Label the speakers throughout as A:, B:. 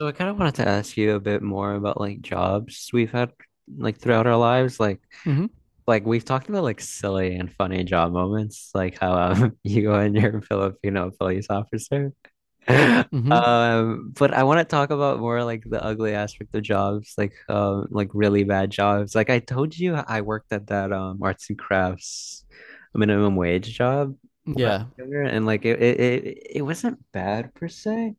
A: So I kind of wanted to ask you a bit more about like jobs we've had like throughout our lives. Like
B: Mm-hmm.
A: like we've talked about like silly and funny job moments, like how you and your Filipino police officer.
B: Mm-hmm.
A: But I want to talk about more like the ugly aspect of jobs, like really bad jobs. Like I told you I worked at that arts and crafts minimum wage job when I was
B: Yeah.
A: younger, and like it wasn't bad per se.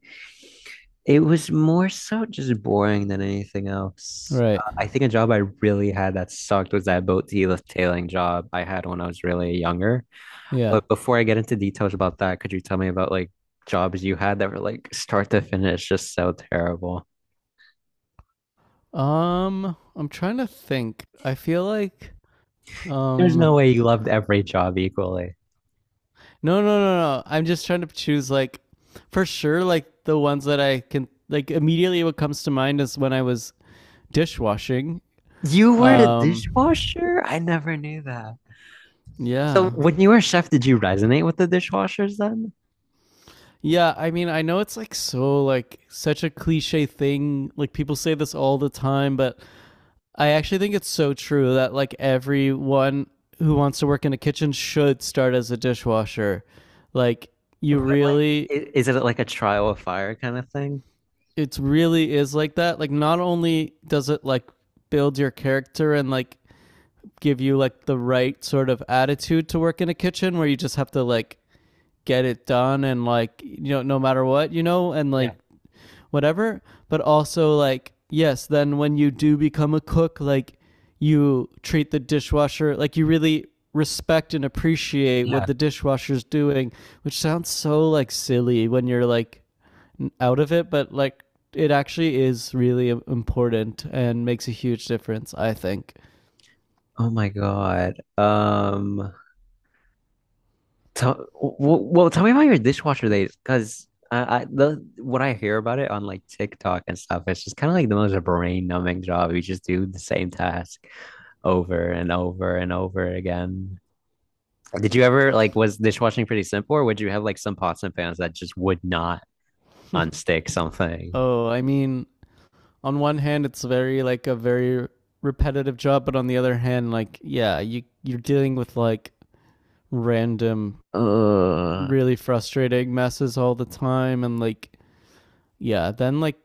A: It was more so just boring than anything else.
B: Right.
A: I think a job I really had that sucked was that boat deal tailing job I had when I was really younger.
B: Yeah.
A: But before I get into details about that, could you tell me about like jobs you had that were like start to finish just so terrible?
B: I'm trying to think. I feel like
A: There's
B: um
A: no way you loved every job equally.
B: no, no, no, no. I'm just trying to choose, like, for sure like the ones that I can, like, immediately what comes to mind is when I was dishwashing.
A: You were a
B: Um
A: dishwasher? I never knew that. So
B: yeah.
A: when you were a chef, did you resonate with the dishwashers then?
B: Yeah, I mean I know it's like so like such a cliche thing. Like people say this all the time, but I actually think it's so true that like everyone who wants to work in a kitchen should start as a dishwasher. Like you
A: What like
B: really
A: is it like a trial of fire kind of thing?
B: It really is like that. Like not only does it like build your character and like give you like the right sort of attitude to work in a kitchen where you just have to like get it done and like, you know, no matter what, you know, and like
A: Yeah.
B: whatever. But also, like, yes, then when you do become a cook, like, you treat the dishwasher, like, you really respect and appreciate what
A: Yeah.
B: the dishwasher's doing, which sounds so, like, silly when you're, like, out of it, but, like, it actually is really important and makes a huge difference, I think.
A: Oh my God. Tell, well, tell me about your dishwasher days, because I the what I hear about it on like TikTok and stuff, it's just kind of like the most brain-numbing job. You just do the same task over and over and over again. Did you ever like was dishwashing pretty simple, or would you have like some pots and pans that just would not unstick something?
B: Oh, I mean, on one hand, it's very like a very repetitive job, but on the other hand, like yeah, you're dealing with like random
A: Ugh.
B: really frustrating messes all the time and like yeah then like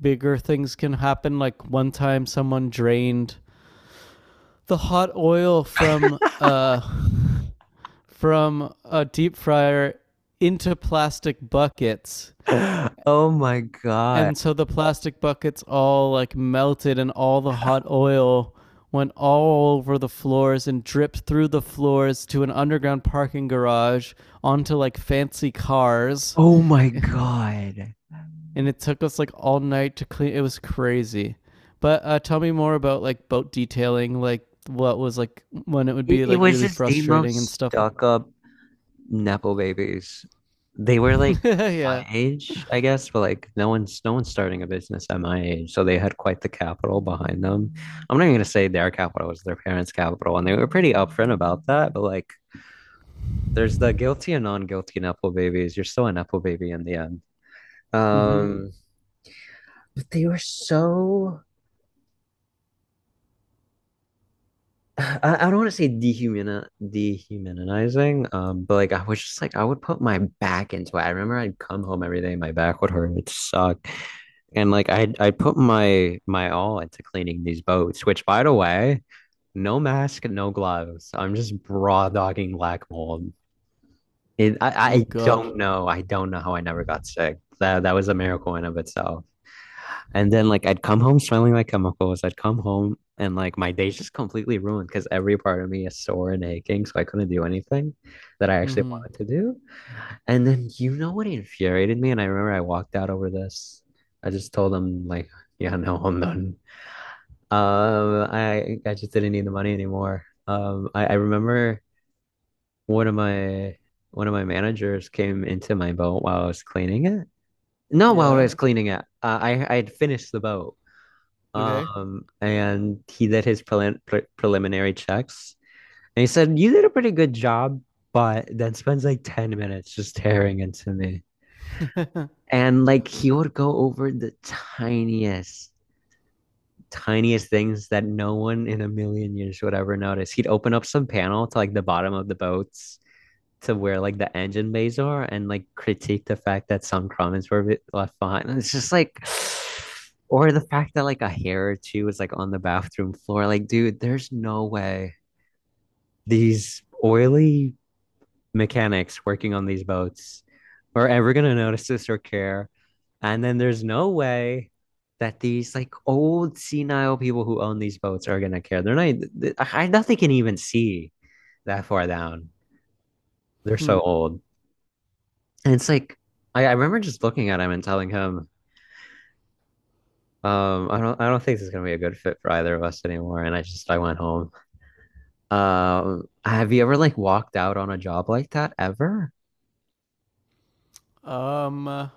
B: bigger things can happen. Like one time someone drained the hot oil from from a deep fryer into plastic buckets,
A: Oh my God.
B: and so the plastic buckets all like melted and all the hot oil went all over the floors and dripped through the floors to an underground parking garage onto like fancy cars,
A: Oh my God.
B: and it took us like all night to clean. It was crazy. But tell me more about like boat detailing, like what was like when it would
A: It,
B: be
A: it
B: like
A: was
B: really
A: just the
B: frustrating and
A: most
B: stuff. Like,
A: stuck up Nepo babies. They were like
B: yeah.
A: my age, I guess, but like no one's starting a business at my age. So they had quite the capital behind them. I'm not even gonna say their capital was their parents' capital, and they were pretty upfront about that, but like there's the guilty and non-guilty Nepo babies. You're still a Nepo baby in the end.
B: Mm-hmm.
A: Um, but they were so I don't want to say dehumanizing, but like I was just like I would put my back into it. I remember I'd come home every day, my back would hurt, it would suck. And like I put my all into cleaning these boats, which by the way, no mask, no gloves. I'm just raw dogging black mold. It, I,
B: Oh
A: I
B: God.
A: don't know. I don't know how I never got sick. That was a miracle in of itself. And then like I'd come home smelling like chemicals. I'd come home and like my day's just completely ruined because every part of me is sore and aching, so I couldn't do anything that I actually
B: Mm-hmm.
A: wanted to do. And then you know what infuriated me? And I remember I walked out over this. I just told them like, yeah, no, I'm done. I just didn't need the money anymore. I remember one of my one of my managers came into my boat while I was cleaning it. No, while I
B: Yeah.
A: was cleaning it, I had finished the boat.
B: Okay.
A: And he did his preliminary checks, and he said, "You did a pretty good job," but then spends like 10 minutes just tearing into me. And like he would go over the tiniest things that no one in a million years would ever notice. He'd open up some panel to like the bottom of the boats to where like the engine bays are and like critique the fact that some comments were a bit left behind. And it's just like, or the fact that like a hair or two was like on the bathroom floor. Like, dude, there's no way these oily mechanics working on these boats are ever going to notice this or care. And then there's no way that these like old senile people who own these boats are going to care. They're not, I nothing can even see that far down. They're
B: Hmm.
A: so old. And it's like, I remember just looking at him and telling him, I don't think this is going to be a good fit for either of us anymore. I went home. Have you ever like walked out on a job like that ever?
B: Um, uh,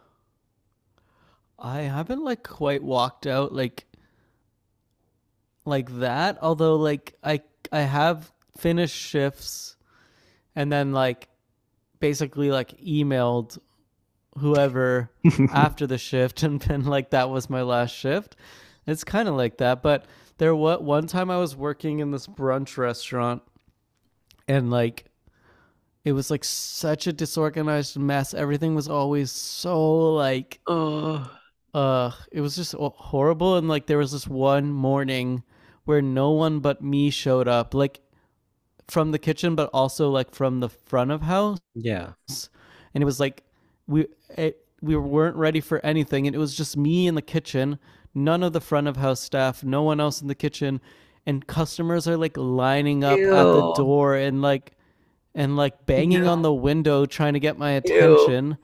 B: I haven't like quite walked out like that. Although, like, I have finished shifts and then like basically like emailed whoever after the shift and been like, that was my last shift. It's kind of like that. But there what one time I was working in this brunch restaurant and like it was like such a disorganized mess. Everything was always so like
A: Oh,
B: it was just horrible, and like there was this one morning where no one but me showed up, like from the kitchen but also like from the front of house,
A: Yeah.
B: and it was like we we weren't ready for anything, and it was just me in the kitchen, none of the front of house staff, no one else in the kitchen, and customers are like lining up at the
A: ew,
B: door and like
A: ew,
B: banging on the window trying to get my
A: ew.
B: attention.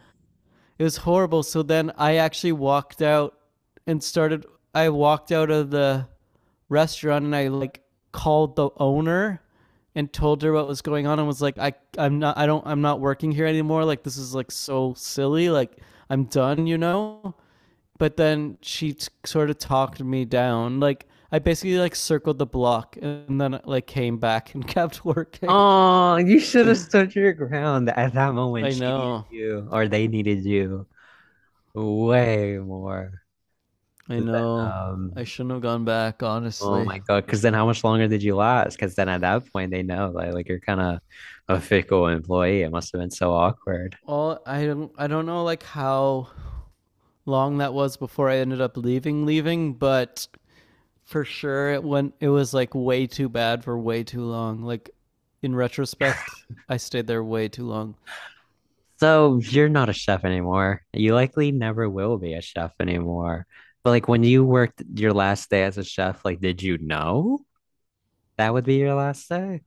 B: It was horrible. So then I actually walked out and started. I walked out of the restaurant and I like called the owner and told her what was going on and was like, I I'm not I don't I'm not working here anymore. Like this is like so silly. Like I'm done. You know. But then she sort of talked me down. Like I basically like circled the block and then like came back and kept working.
A: Oh, you should have stood your ground at that moment.
B: I
A: She needed
B: know.
A: you, or they needed you way more
B: I
A: than,
B: know. I
A: um,
B: shouldn't have gone back,
A: oh
B: honestly.
A: my God. Because then how much longer did you last? Because then at that point, they know like you're kind of a fickle employee. It must have been so awkward.
B: Well, I don't know like how long that was before I ended up leaving, but for sure it went it was like way too bad for way too long. Like in retrospect, I stayed there way too long.
A: So you're not a chef anymore. You likely never will be a chef anymore. But like when you worked your last day as a chef, like did you know that would be your last day?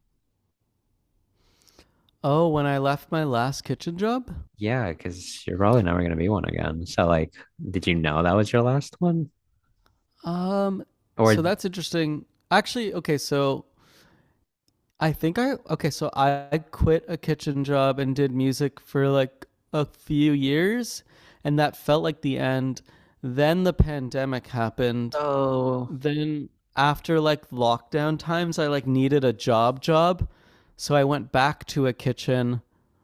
B: Oh, when I left my last kitchen job?
A: Yeah, because you're probably never gonna be one again. So like, did you know that was your last one?
B: Um
A: Or
B: so that's interesting. Actually, okay, so I think I okay, so I quit a kitchen job and did music for like a few years, and that felt like the end. Then the pandemic happened,
A: oh,
B: then after like lockdown times I like needed a job job, so I went back to a kitchen,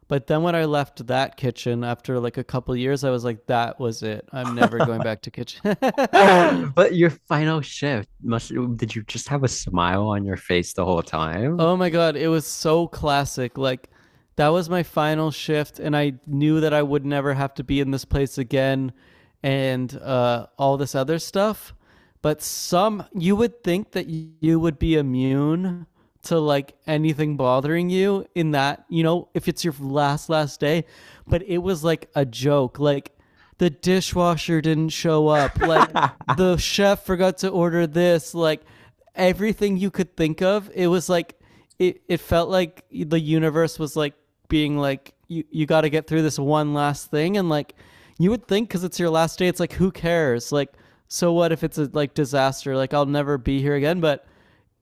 B: but then when I left that kitchen after like a couple years I was like, that was it, I'm never going back to kitchen.
A: but your final shift must did you just have a smile on your face the whole time?
B: Oh my god, it was so classic. Like that was my final shift and I knew that I would never have to be in this place again and all this other stuff. But some you would think that you would be immune to like anything bothering you in that, you know, if it's your last last day, but it was like a joke. Like the dishwasher didn't show up. Like the chef forgot to order this. Like everything you could think of. It was like it felt like the universe was like being like you got to get through this one last thing, and like you would think cuz it's your last day it's like, who cares? Like so what if it's a like disaster? Like I'll never be here again, but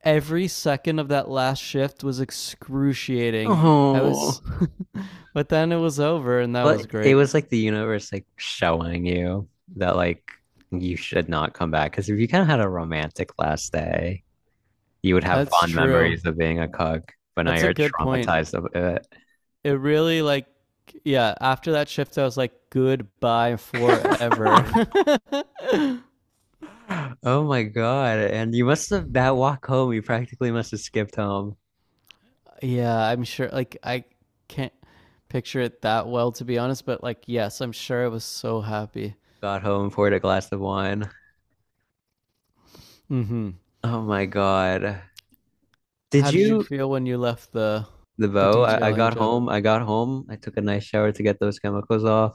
B: every second of that last shift was excruciating. I
A: Oh.
B: was but then it was over and that
A: Well,
B: was
A: so it
B: great.
A: was like the universe like showing you that like you should not come back. Because if you kind of had a romantic last day, you would have
B: That's
A: fond
B: true.
A: memories of being a cuck, but now
B: That's a
A: you're
B: good point.
A: traumatized of it.
B: It really like yeah, after that shift I was like, goodbye forever.
A: forever. Oh my God. And you must have that walk home, you practically must have skipped home,
B: Yeah, I'm sure like I can't picture it that well to be honest, but like yes, I'm sure I was so happy.
A: got home, poured a glass of wine.
B: Mhm.
A: Oh my God. Did
B: How did you
A: you
B: feel when you left
A: The
B: the
A: bow. I
B: detailing
A: got
B: job?
A: home. I got home. I took a nice shower to get those chemicals off.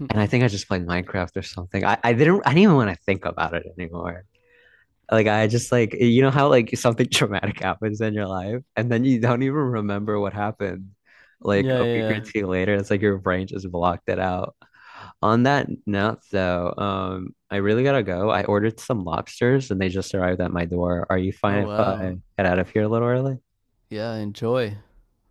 B: Yeah,
A: And I think I just played Minecraft or something. I didn't even want to think about it anymore. Like I just like you know how like something traumatic happens in your life and then you don't even remember what happened. Like
B: yeah,
A: a week or
B: yeah.
A: Mhm. two later, it's like your brain just blocked it out. On that note, though, I really gotta go. I ordered some lobsters and they just arrived at my door. Are you
B: Oh
A: fine if
B: wow.
A: I get out of here a little early?
B: Yeah, enjoy.